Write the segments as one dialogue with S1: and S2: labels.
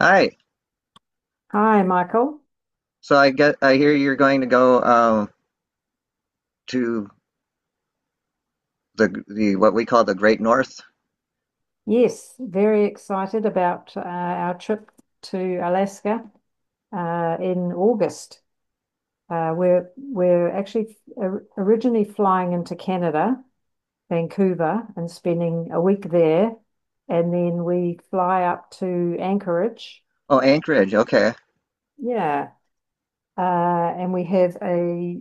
S1: Hi.
S2: Hi, Michael.
S1: So I hear you're going to go to the what we call the Great North.
S2: Yes, very excited about our trip to Alaska in August. We're actually originally flying into Canada, Vancouver, and spending a week there, and then we fly up to Anchorage.
S1: Oh, Anchorage. Okay.
S2: Yeah. uh, and we have a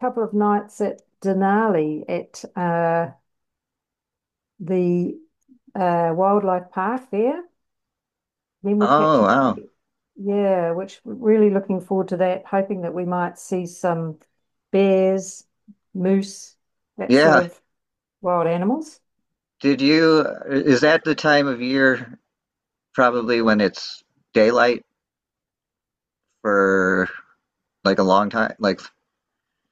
S2: couple of nights at Denali at the wildlife park there. Then we
S1: Oh,
S2: catch it.
S1: wow.
S2: Yeah, which we're really looking forward to that, hoping that we might see some bears, moose, that sort
S1: Yeah.
S2: of wild animals.
S1: Did you Is that the time of year probably when it's daylight for like a long time, like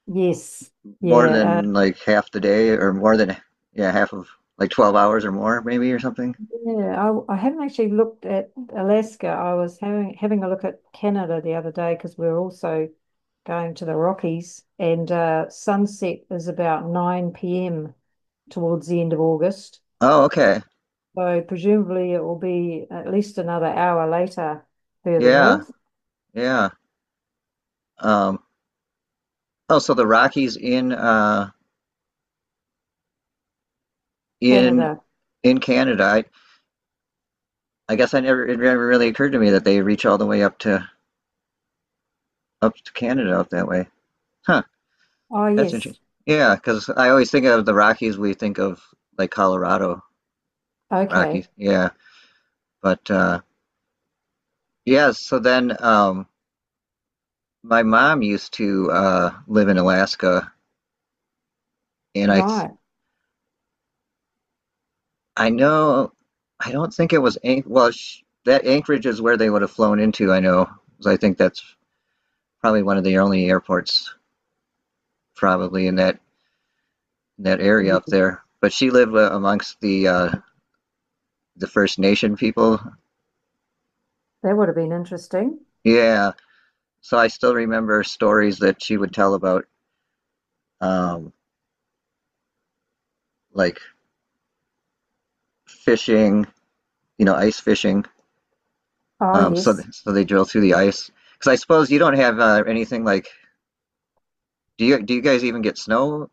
S2: Yes.
S1: more
S2: Yeah. Uh,
S1: than like half the day or more than yeah, half of like 12 hours or more maybe or something?
S2: yeah. I, I haven't actually looked at Alaska. I was having a look at Canada the other day because we're also going to the Rockies, and sunset is about 9 p.m. towards the end of August.
S1: Oh, okay.
S2: So presumably it will be at least another hour later further
S1: Yeah.
S2: north.
S1: Yeah. Um oh, so the Rockies in in
S2: Canada.
S1: in Canada. I guess I never it never really occurred to me that they reach all the way up to up to Canada up that way. Huh,
S2: Oh,
S1: that's
S2: yes.
S1: interesting. Yeah, because I always think of the Rockies, we think of like Colorado Rockies.
S2: Okay.
S1: Yeah, but yeah. So then, my mom used to live in Alaska, and
S2: Right.
S1: I know I don't think it was Anch well sh that Anchorage is where they would have flown into. I know 'cause I think that's probably one of the only airports probably in that area up
S2: Yeah.
S1: there. But she lived amongst the First Nation people.
S2: That would have been interesting.
S1: Yeah, so I still remember stories that she would tell about um, like fishing, you know, ice fishing.
S2: Oh,
S1: So
S2: yes.
S1: they drill through the ice because I suppose you don't have anything like. Do you guys even get snow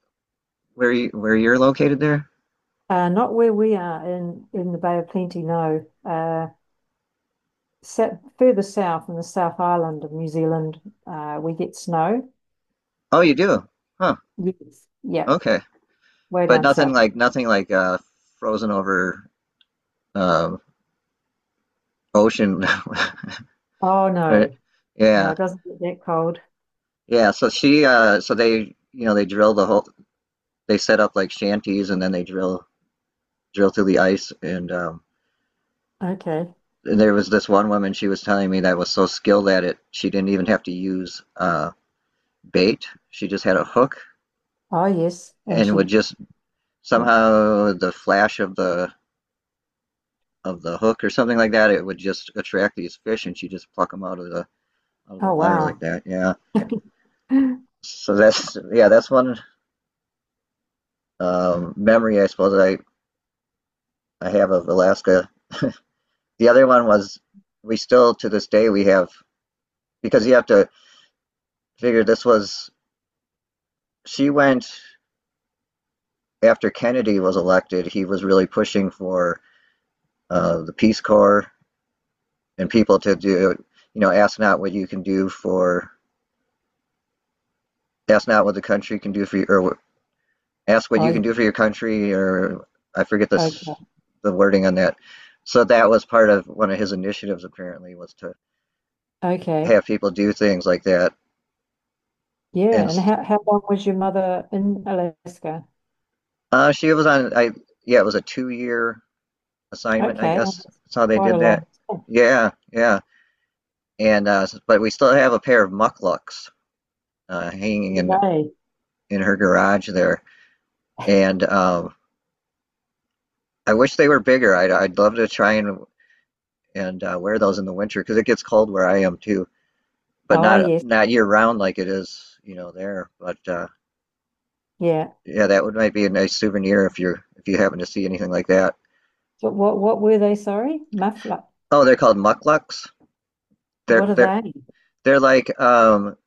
S1: where you're located there?
S2: Not where we are in the Bay of Plenty, no. Set further south in the South Island of New Zealand, we get snow.
S1: Oh, you do. Huh.
S2: Yes. Yeah,
S1: Okay.
S2: way
S1: But
S2: down
S1: nothing
S2: south.
S1: like nothing like frozen over um ocean.
S2: Oh, no. No,
S1: Yeah.
S2: it doesn't get that cold.
S1: Yeah, so she so they you know they drill they set up like shanties and then they drill through the ice,
S2: Okay.
S1: and there was this one woman she was telling me that was so skilled at it she didn't even have to use bait. She just had a hook
S2: Oh, yes. And
S1: and would
S2: she,
S1: just
S2: yeah.
S1: somehow the flash of the hook or something like that, it would just attract these fish and she just pluck them out of the
S2: Oh,
S1: water like
S2: wow.
S1: that. Yeah. So that's yeah, that's one memory I suppose that I have of Alaska. The other one was we still to this day we have because you have to figure this was she went after Kennedy was elected. He was really pushing for the Peace Corps and people to do you know ask not what the country can do for you, or ask what
S2: Oh,
S1: you can do
S2: yeah.
S1: for your country, or I forget
S2: Okay.
S1: this the wording on that. So that was part of one of his initiatives apparently, was to
S2: Okay.
S1: have people do things like that. And
S2: Yeah. And how long was your mother in Alaska?
S1: she was on I yeah, it was a 2 year assignment, I
S2: Okay. Oh,
S1: guess.
S2: that's
S1: That's how they
S2: quite a
S1: did
S2: long.
S1: that.
S2: Oh,
S1: Yeah, yeah. And but we still have a pair of mucklucks hanging
S2: day.
S1: in her garage there, and I wish they were bigger. I'd love to try and wear those in the winter because it gets cold where I am too, but
S2: Oh,
S1: not
S2: yes.
S1: not year round like it is, you know, there. But
S2: Yeah.
S1: yeah, that would might be a nice souvenir if you're if you happen to see anything like that.
S2: So what were they? Sorry? Muffler.
S1: Oh, they're called mucklucks. They're
S2: What are
S1: they're
S2: they?
S1: they're like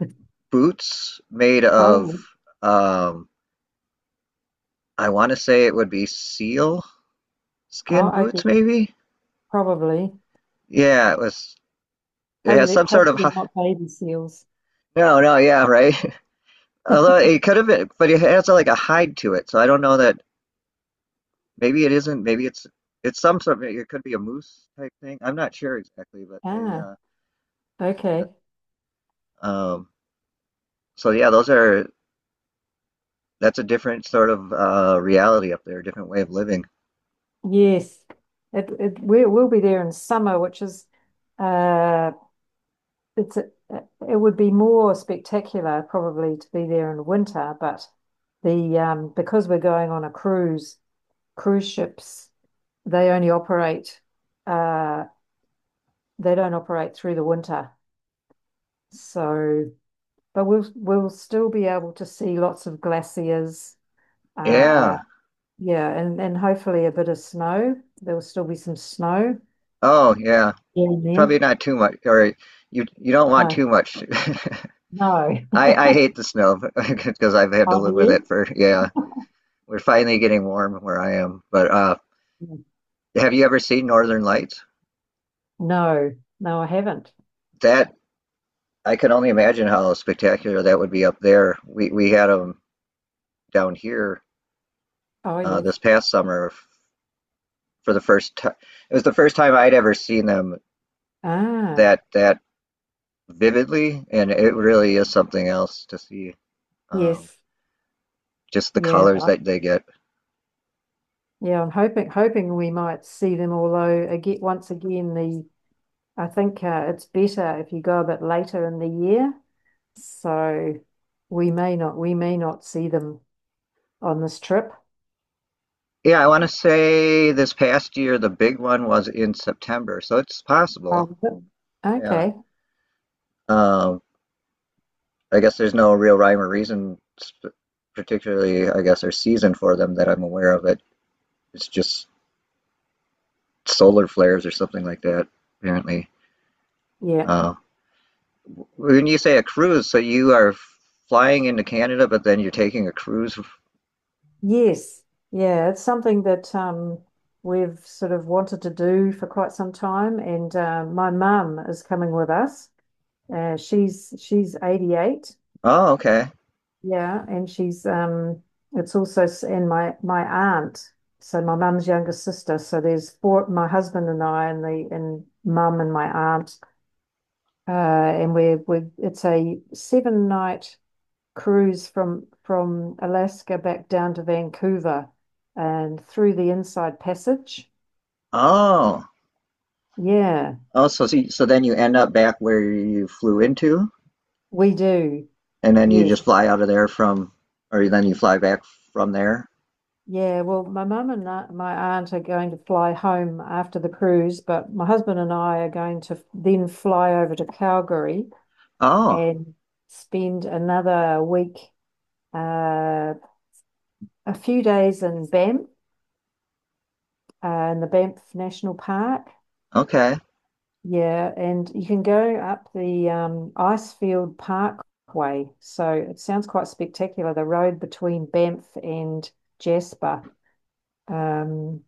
S1: boots made of
S2: Oh,
S1: um, I want to say it would be seal skin
S2: oh, okay.
S1: boots, maybe?
S2: Probably.
S1: Yeah, it was. It has
S2: Hopefully,
S1: some sort of
S2: hopefully not baby seals.
S1: no, no, yeah, right. Although it could have been, but it has like a hide to it, so I don't know that. Maybe it isn't. Maybe it's some sort of. It could be a moose type thing. I'm not sure exactly, but they.
S2: Ah,
S1: Yeah.
S2: okay.
S1: Um. So yeah, those are. That's a different sort of reality up there, a different way of living.
S2: Yes. We'll be there in summer, which is uh it's a, it would be more spectacular probably to be there in winter, but the because we're going on a cruise, cruise ships they only operate, uh, they don't operate through the winter. So, but we'll still be able to see lots of glaciers.
S1: Yeah.
S2: Uh, yeah, and hopefully a bit of snow. There will still be some snow
S1: Oh, yeah.
S2: in there.
S1: Probably not too much, or you don't want
S2: No,
S1: too much.
S2: no.
S1: I hate the snow because I've had to
S2: Have
S1: live with it
S2: you?
S1: for yeah. We're finally getting warm where I am. But have you ever seen Northern Lights?
S2: No, no, I haven't.
S1: That I can only imagine how spectacular that would be up there. We had them down here
S2: Oh yes.
S1: this past summer for the first time. It was the first time I'd ever seen them
S2: Ah,
S1: that vividly, and it really is something else to see. Um,
S2: yes.
S1: just the
S2: Yeah.
S1: colors that they get.
S2: Yeah, I'm hoping we might see them, although again, once again, the I think it's better if you go a bit later in the year. So we may not see them on this trip.
S1: Yeah, I want to say this past year the big one was in September, so it's possible.
S2: Oh,
S1: Yeah.
S2: okay.
S1: Um, I guess there's no real rhyme or reason, particularly, I guess, or season for them that I'm aware of. It it's just solar flares or something like that, apparently.
S2: Yeah.
S1: Uh, when you say a cruise, so you are flying into Canada, but then you're taking a cruise.
S2: Yes. Yeah, it's something that we've sort of wanted to do for quite some time, and my mum is coming with us. She's 88.
S1: Oh, okay.
S2: Yeah, and she's it's also s- and my aunt, so my mum's younger sister. So there's four, my husband and I and the and mum and my aunt. And we're we It's a seven night cruise from Alaska back down to Vancouver and through the Inside Passage.
S1: Oh,
S2: Yeah,
S1: oh, so then you end up back where you flew into.
S2: we do.
S1: And then you
S2: Yes.
S1: just fly out of there from, or then you fly back from there?
S2: Yeah, well, my mum and my aunt are going to fly home after the cruise, but my husband and I are going to then fly over to Calgary
S1: Oh,
S2: and spend another week, uh, a few days in Banff, in the Banff National Park.
S1: okay.
S2: Yeah, and you can go up the Icefield Parkway. So it sounds quite spectacular, the road between Banff and Jasper. Um,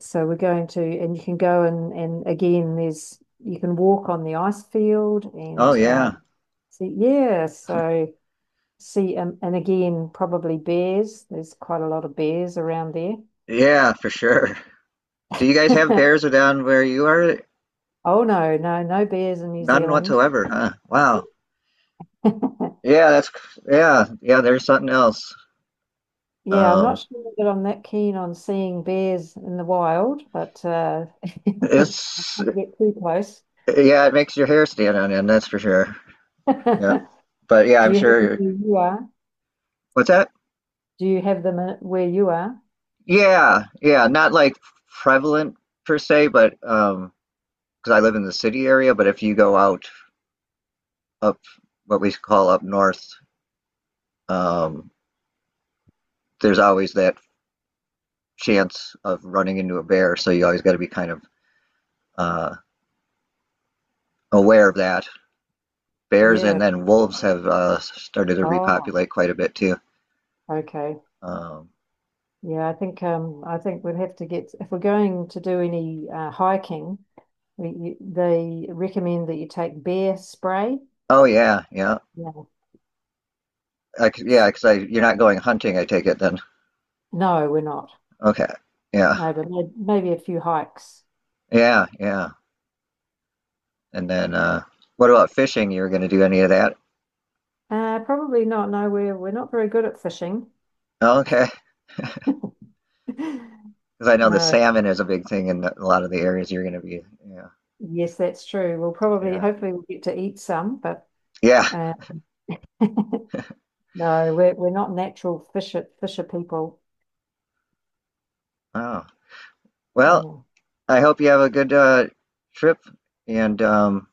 S2: so we're going to, and you can go and again, there's you can walk on the ice field
S1: Oh,
S2: and
S1: yeah.
S2: see, yeah, so see, and again, probably bears. There's quite a lot of bears around there.
S1: Yeah, for sure. Do you guys have bears down where you are?
S2: Oh no, no, no bears in New
S1: None
S2: Zealand.
S1: whatsoever, huh? Wow. Yeah, that's, yeah, yeah, there's something else.
S2: Yeah, I'm not
S1: Um,
S2: sure that I'm that keen on seeing bears in the wild, but I don't
S1: it's,
S2: want to get too close.
S1: yeah, it makes your hair stand on end, that's for sure. Yeah. But yeah,
S2: Do
S1: I'm
S2: you have them
S1: sure.
S2: where you are?
S1: What's that?
S2: Do you have them where you are?
S1: Yeah, yeah, not like prevalent per se, but because I live in the city area, but if you go out up what we call up north, um, there's always that chance of running into a bear, so you always got to be kind of uh, aware of that. Bears and
S2: Yeah.
S1: then wolves have started to
S2: Oh.
S1: repopulate quite a bit too.
S2: Okay.
S1: Um,
S2: Yeah, I think we'd have to get if we're going to do any hiking, they recommend that you take bear spray.
S1: oh yeah, yeah,
S2: Yeah.
S1: I c yeah, because you're not going hunting, I take it then.
S2: No, we're not.
S1: Okay, yeah,
S2: No, but maybe a few hikes.
S1: yeah, yeah. And then what about fishing? You're going to do any of that?
S2: Probably not. No, we're not very good at fishing.
S1: Okay, because I know the
S2: No,
S1: salmon is a big thing in a lot of the areas you're going to be. Yeah,
S2: yes, that's true. We'll probably,
S1: yeah,
S2: hopefully, we'll get to eat some, but
S1: yeah.
S2: uh, no, we're not natural fisher people.
S1: Oh. Well,
S2: Yeah.
S1: I hope you have a good trip. And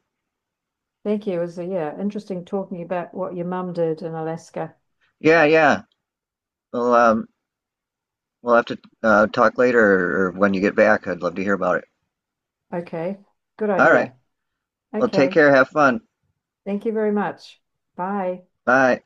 S2: Thank you. It was, yeah, interesting talking about what your mum did in Alaska.
S1: yeah, yeah. Well, we'll have to talk later or when you get back. I'd love to hear about it.
S2: Okay, good
S1: All right.
S2: idea.
S1: Well, take
S2: Okay,
S1: care. Have fun.
S2: thank you very much. Bye.
S1: Bye.